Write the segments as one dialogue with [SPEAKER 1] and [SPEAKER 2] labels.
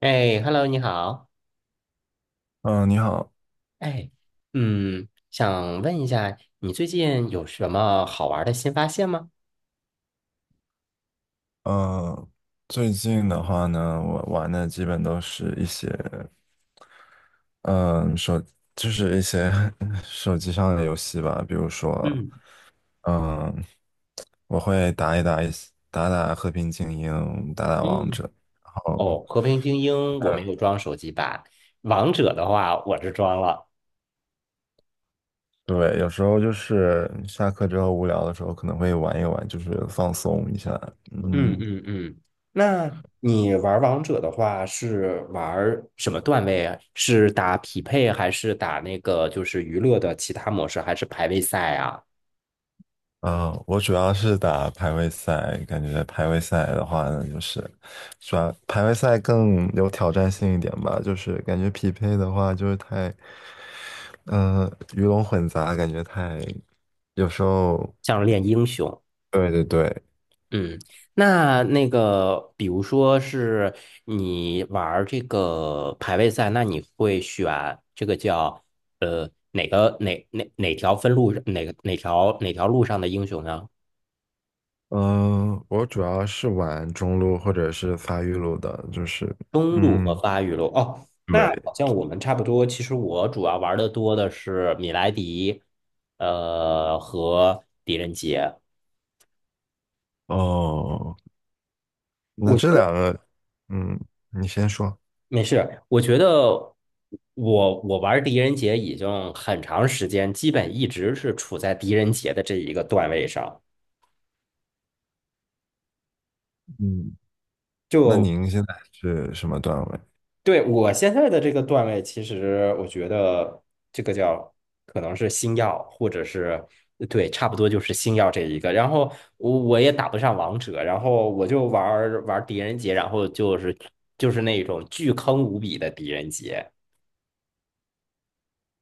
[SPEAKER 1] 哎，Hello，你好。
[SPEAKER 2] 嗯，你好。
[SPEAKER 1] 哎，想问一下，你最近有什么好玩儿的新发现吗？
[SPEAKER 2] 嗯，最近的话呢，我玩的基本都是嗯，手一些 手机上的游戏吧。比如说，
[SPEAKER 1] 嗯
[SPEAKER 2] 嗯，我会打一打一些打打和平精英，打打王者。
[SPEAKER 1] 嗯，
[SPEAKER 2] 然后，
[SPEAKER 1] 哦，《和平精英》我没
[SPEAKER 2] 呃
[SPEAKER 1] 有装手机版，《王者》的话我这装了。
[SPEAKER 2] 对，有时候就是下课之后无聊的时候，可能会玩一玩，就是放松一下。
[SPEAKER 1] 嗯
[SPEAKER 2] 嗯，
[SPEAKER 1] 嗯嗯，那你玩儿王者的话是玩儿什么段位啊？是打匹配还是打那个就是娱乐的其他模式，还是排位赛啊？
[SPEAKER 2] 嗯，我主要是打排位赛，感觉排位赛的话呢，就是主要排位赛更有挑战性一点吧。就是感觉匹配的话就是太，嗯、鱼龙混杂，感觉太，有时候，
[SPEAKER 1] 像练英雄？
[SPEAKER 2] 对对对。
[SPEAKER 1] 嗯，那个，比如说是你玩儿这个排位赛，那你会选这个叫哪个哪哪哪条分路哪个哪条哪条路上的英雄呢？
[SPEAKER 2] 嗯、我主要是玩中路或者是发育路的，就是，
[SPEAKER 1] 中路和
[SPEAKER 2] 嗯，
[SPEAKER 1] 发育路哦，那好
[SPEAKER 2] 对。
[SPEAKER 1] 像我们差不多。其实我主要玩的多的是米莱狄，和狄仁杰。
[SPEAKER 2] 哦，那
[SPEAKER 1] 我觉
[SPEAKER 2] 这两
[SPEAKER 1] 得。
[SPEAKER 2] 个，嗯，你先说。
[SPEAKER 1] 没事，我觉得我玩狄仁杰已经很长时间，基本一直是处在狄仁杰的这一个段位上。
[SPEAKER 2] 嗯，那
[SPEAKER 1] 就
[SPEAKER 2] 您现在是什么段位？
[SPEAKER 1] 对我现在的这个段位，其实我觉得这个叫可能是星耀，或者是对，差不多就是星耀这一个。然后我也打不上王者，然后我就玩玩狄仁杰，然后就是那种巨坑无比的狄仁杰。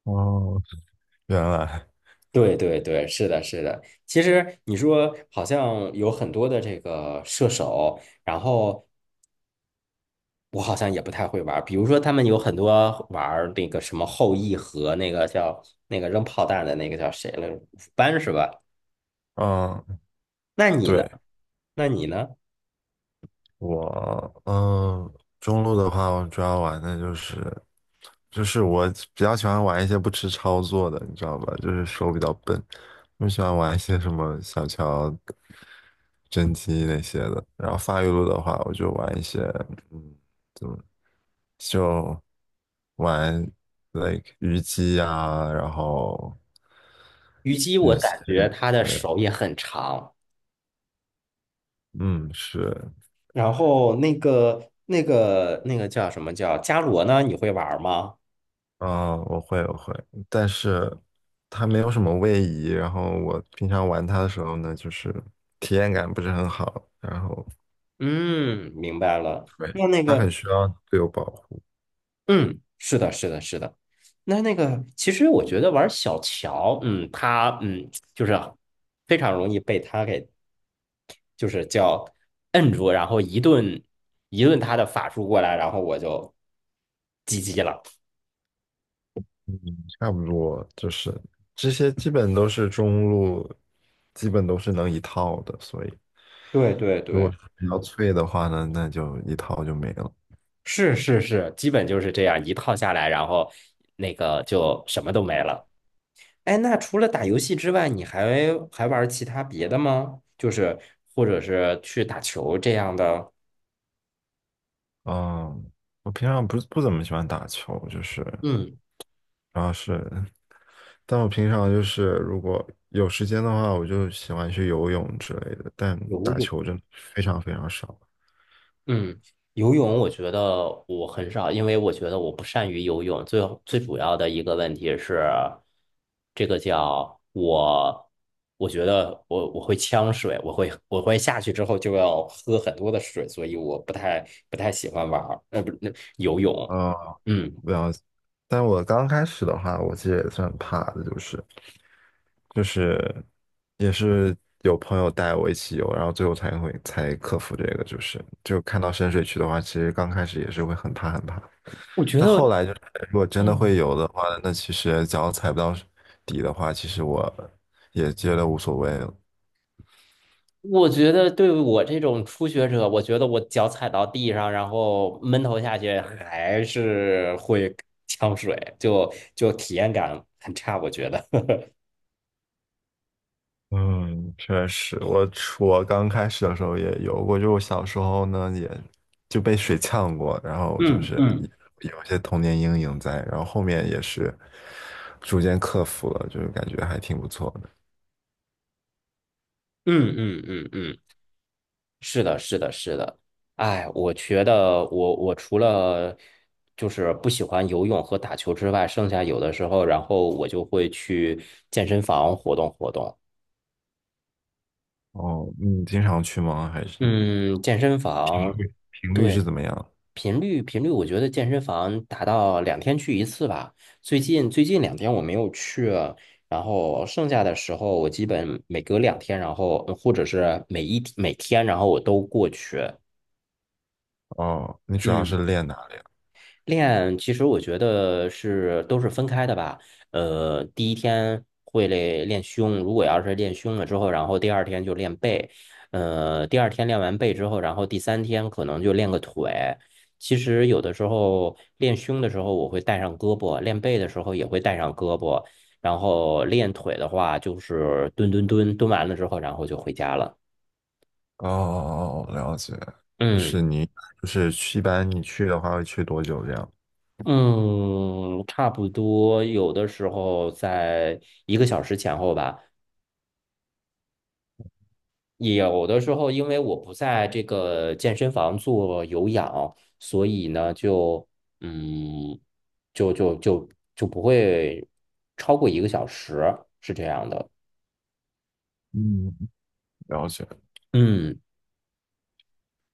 [SPEAKER 2] 哦，原来。
[SPEAKER 1] 对对对，是的，是的。其实你说好像有很多的这个射手，然后我好像也不太会玩儿。比如说他们有很多玩儿那个什么后羿和那个叫那个扔炮弹的那个叫谁来着，鲁班是吧？
[SPEAKER 2] 嗯，
[SPEAKER 1] 那你呢？
[SPEAKER 2] 对，
[SPEAKER 1] 那你呢？
[SPEAKER 2] 我，嗯，中路的话，我主要玩的就是，就是我比较喜欢玩一些不吃操作的，你知道吧？就是手比较笨，我喜欢玩一些什么小乔、甄姬那些的。然后发育路的话，我就玩一些，嗯，怎么就玩 like 虞姬啊。然后
[SPEAKER 1] 虞姬，我
[SPEAKER 2] 虞姬，
[SPEAKER 1] 感觉她的
[SPEAKER 2] 对，
[SPEAKER 1] 手也很长。
[SPEAKER 2] 嗯，是。
[SPEAKER 1] 然后那个叫什么叫伽罗呢？你会玩儿吗？
[SPEAKER 2] 嗯，我会，但是它没有什么位移，然后我平常玩它的时候呢，就是体验感不是很好。然后
[SPEAKER 1] 嗯，明白了。
[SPEAKER 2] 对，它很需要队友保护。
[SPEAKER 1] 是的，是的，是的。那个，其实我觉得玩小乔，嗯，他就是非常容易被他给就是叫摁住，然后一顿一顿他的法术过来，然后我就 GG 了。
[SPEAKER 2] 嗯，差不多就是这些基本都是中路，基本都是能一套的，所以
[SPEAKER 1] 对对
[SPEAKER 2] 如果
[SPEAKER 1] 对，
[SPEAKER 2] 是比较脆的话呢，那就一套就没了。
[SPEAKER 1] 是是是，基本就是这样一套下来，然后那个就什么都没了。哎，那除了打游戏之外，你还玩其他别的吗？就是或者是去打球这样的？
[SPEAKER 2] 嗯，我平常不怎么喜欢打球，就是
[SPEAKER 1] 嗯。
[SPEAKER 2] 主要是。但我平常就是如果有时间的话，我就喜欢去游泳之类的，但
[SPEAKER 1] 游
[SPEAKER 2] 打
[SPEAKER 1] 泳，
[SPEAKER 2] 球真的非常非常少。
[SPEAKER 1] 嗯，游泳我觉得我很少，因为我觉得我不善于游泳。最主要的一个问题是，这个叫我，我觉得我会呛水，我会下去之后就要喝很多的水，所以我不太喜欢玩儿，不是那游泳。
[SPEAKER 2] 啊、
[SPEAKER 1] 嗯，
[SPEAKER 2] 不要。但我刚开始的话，我其实也算怕的，就是就是也是有朋友带我一起游，然后最后才克服这个，就看到深水区的话，其实刚开始也是会很怕很怕。
[SPEAKER 1] 我觉
[SPEAKER 2] 但后
[SPEAKER 1] 得。
[SPEAKER 2] 来就是如果真的
[SPEAKER 1] 嗯。
[SPEAKER 2] 会游的话，那其实脚踩不到底的话，其实我也觉得无所谓了。
[SPEAKER 1] 我觉得对于我这种初学者，我觉得我脚踩到地上，然后闷头下去，还是会呛水，就体验感很差，我觉得。
[SPEAKER 2] 嗯，确实。我刚开始的时候也游过，就我小时候呢，也就被水呛过，然后就
[SPEAKER 1] 嗯
[SPEAKER 2] 是
[SPEAKER 1] 嗯
[SPEAKER 2] 有一些童年阴影在，然后后面也是逐渐克服了，就是感觉还挺不错的。
[SPEAKER 1] 嗯嗯嗯嗯，是的，是的，是的。哎，我觉得我除了就是不喜欢游泳和打球之外，剩下有的时候，然后我就会去健身房活动活动。
[SPEAKER 2] 哦，你经常去吗？还是
[SPEAKER 1] 嗯，健身房，
[SPEAKER 2] 频率
[SPEAKER 1] 对。
[SPEAKER 2] 是怎么样？
[SPEAKER 1] 频率，我觉得健身房达到两天去一次吧。最近两天我没有去，然后剩下的时候我基本每隔两天，然后或者是每天，然后我都过去。
[SPEAKER 2] 哦，你主要
[SPEAKER 1] 嗯
[SPEAKER 2] 是练哪里啊？
[SPEAKER 1] 练其实我觉得都是分开的吧。第一天会练练胸，如果要是练胸了之后，然后第二天就练背。第二天练完背之后，然后第三天可能就练个腿。其实有的时候练胸的时候我会带上胳膊，练背的时候也会带上胳膊，然后练腿的话就是蹲蹲蹲，蹲完了之后然后就回家了。
[SPEAKER 2] 哦，哦哦哦，了解。就
[SPEAKER 1] 嗯。
[SPEAKER 2] 是你就是去，一般你去的话会去多久这样？
[SPEAKER 1] 嗯，差不多，有的时候在一个小时前后吧。有的时候，因为我不在这个健身房做有氧，所以呢，就嗯，就就就就不会超过一个小时，是这样的。
[SPEAKER 2] 嗯，了解。
[SPEAKER 1] 嗯，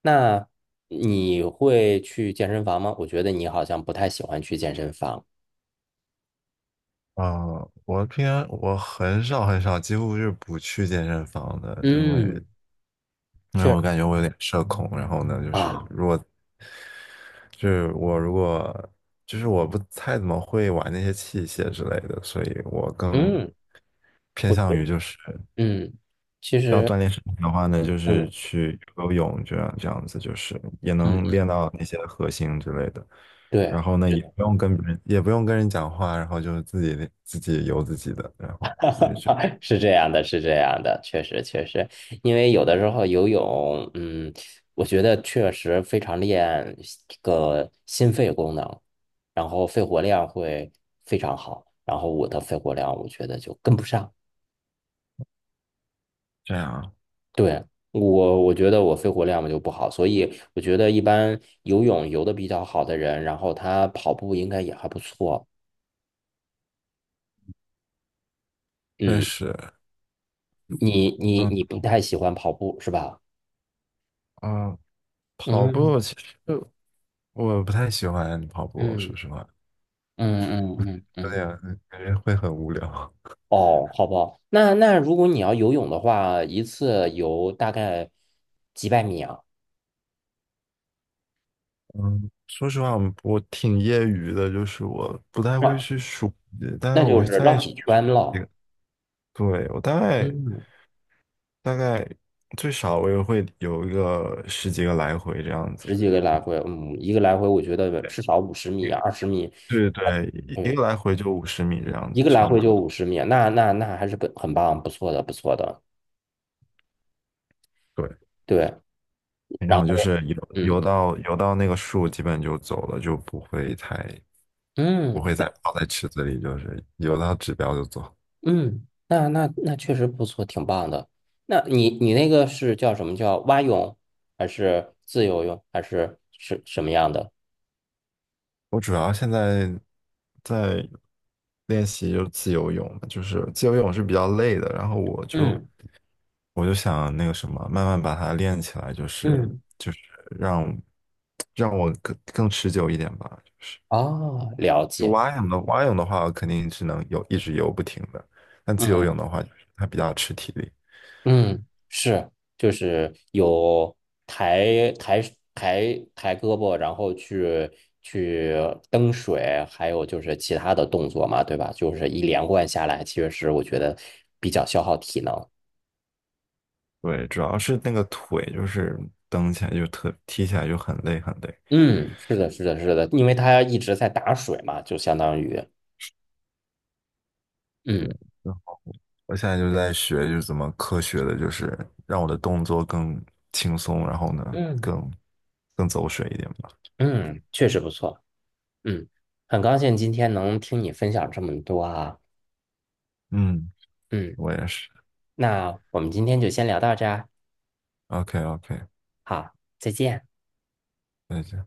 [SPEAKER 1] 那你会去健身房吗？我觉得你好像不太喜欢去健身房。
[SPEAKER 2] 啊，我平常很少很少，几乎是不去健身房的。因为
[SPEAKER 1] 嗯，确
[SPEAKER 2] 我感觉我有点社恐。然后呢，就是
[SPEAKER 1] 啊，
[SPEAKER 2] 就是我如果我不太怎么会玩那些器械之类的，所以我更
[SPEAKER 1] 嗯，
[SPEAKER 2] 偏
[SPEAKER 1] 我觉
[SPEAKER 2] 向
[SPEAKER 1] 得，
[SPEAKER 2] 于就是。
[SPEAKER 1] 嗯，其
[SPEAKER 2] 要
[SPEAKER 1] 实，
[SPEAKER 2] 锻炼身体的话呢，就是
[SPEAKER 1] 嗯。
[SPEAKER 2] 去游游泳，这样子，就是也能
[SPEAKER 1] 嗯
[SPEAKER 2] 练到那些核心之类的。
[SPEAKER 1] 对，
[SPEAKER 2] 然后呢，
[SPEAKER 1] 是
[SPEAKER 2] 也
[SPEAKER 1] 的，
[SPEAKER 2] 不用跟别人，也不用跟人讲话，然后就是自己游自己的，然后我就觉得
[SPEAKER 1] 是这样的，是这样的，确实确实，因为有的时候游泳，我觉得确实非常练这个心肺功能，然后肺活量会非常好，然后我的肺活量我觉得就跟不上，
[SPEAKER 2] 这样
[SPEAKER 1] 对，我觉得我肺活量就不好，所以我觉得一般游泳游的比较好的人，然后他跑步应该也还不错，
[SPEAKER 2] 确
[SPEAKER 1] 嗯，
[SPEAKER 2] 实。
[SPEAKER 1] 你你
[SPEAKER 2] 嗯
[SPEAKER 1] 你不太喜欢跑步是吧？
[SPEAKER 2] 嗯，跑
[SPEAKER 1] 嗯
[SPEAKER 2] 步其实我不太喜欢跑步，说
[SPEAKER 1] 嗯。
[SPEAKER 2] 实话，
[SPEAKER 1] 嗯嗯嗯
[SPEAKER 2] 有
[SPEAKER 1] 嗯，
[SPEAKER 2] 点感觉会很无聊。
[SPEAKER 1] 哦，好吧。那如果你要游泳的话，一次游大概几百米啊？
[SPEAKER 2] 嗯，说实话，我挺业余的，就是我不太会
[SPEAKER 1] 绕，
[SPEAKER 2] 去数，但是
[SPEAKER 1] 那就
[SPEAKER 2] 我
[SPEAKER 1] 是
[SPEAKER 2] 在
[SPEAKER 1] 绕
[SPEAKER 2] 数
[SPEAKER 1] 几圈
[SPEAKER 2] 这
[SPEAKER 1] 了。
[SPEAKER 2] 个。对，我大概
[SPEAKER 1] 嗯，
[SPEAKER 2] 大概最少我也会有一个十几个来回这样子。
[SPEAKER 1] 十几个
[SPEAKER 2] 然
[SPEAKER 1] 来
[SPEAKER 2] 后
[SPEAKER 1] 回，嗯，一个来回我觉得
[SPEAKER 2] 对
[SPEAKER 1] 至少五十米、20米，
[SPEAKER 2] 对对，一个
[SPEAKER 1] 对，
[SPEAKER 2] 来回就50米这样
[SPEAKER 1] 一
[SPEAKER 2] 子，
[SPEAKER 1] 个来
[SPEAKER 2] 差不
[SPEAKER 1] 回就
[SPEAKER 2] 多。
[SPEAKER 1] 五十米，那还是很棒，不错的，不错的。
[SPEAKER 2] 对，
[SPEAKER 1] 对，
[SPEAKER 2] 平
[SPEAKER 1] 然
[SPEAKER 2] 常就
[SPEAKER 1] 后
[SPEAKER 2] 是
[SPEAKER 1] 嗯
[SPEAKER 2] 游到那个树，基本就走了，就不
[SPEAKER 1] 嗯，
[SPEAKER 2] 会再泡在池子里，就是游到指标就走。
[SPEAKER 1] 嗯，那确实不错，挺棒的。那你那个是叫什么叫蛙泳，还是自由泳，还是什么样的？
[SPEAKER 2] 我主要现在在练习就是自由泳嘛。就是自由泳是比较累的，然后
[SPEAKER 1] 嗯
[SPEAKER 2] 我就想那个什么，慢慢把它练起来，就是
[SPEAKER 1] 嗯，
[SPEAKER 2] 就是让让我更持久一点吧。就是
[SPEAKER 1] 哦，了
[SPEAKER 2] 就
[SPEAKER 1] 解。
[SPEAKER 2] 蛙泳的话，肯定是能游，一直游不停的。但自由
[SPEAKER 1] 嗯
[SPEAKER 2] 泳的话，就是它比较吃体力。
[SPEAKER 1] 嗯，是，就是有抬抬抬胳膊，然后去蹬水，还有就是其他的动作嘛，对吧？就是一连贯下来，其实我觉得比较消耗体能。
[SPEAKER 2] 对，主要是那个腿，就是蹬起来就特踢起来就很累很累。
[SPEAKER 1] 嗯，是的，是的，是的，因为它一直在打水嘛，就相当于，嗯
[SPEAKER 2] 然后我现在就在学，就是怎么科学的，就是让我的动作更轻松，然后呢
[SPEAKER 1] 嗯
[SPEAKER 2] 更更走水一点吧。
[SPEAKER 1] 嗯，确实不错，嗯，很高兴今天能听你分享这么多啊，
[SPEAKER 2] 嗯，
[SPEAKER 1] 嗯，
[SPEAKER 2] 我也是。
[SPEAKER 1] 那我们今天就先聊到这儿
[SPEAKER 2] OK OK，
[SPEAKER 1] 啊，好，再见。
[SPEAKER 2] 再见。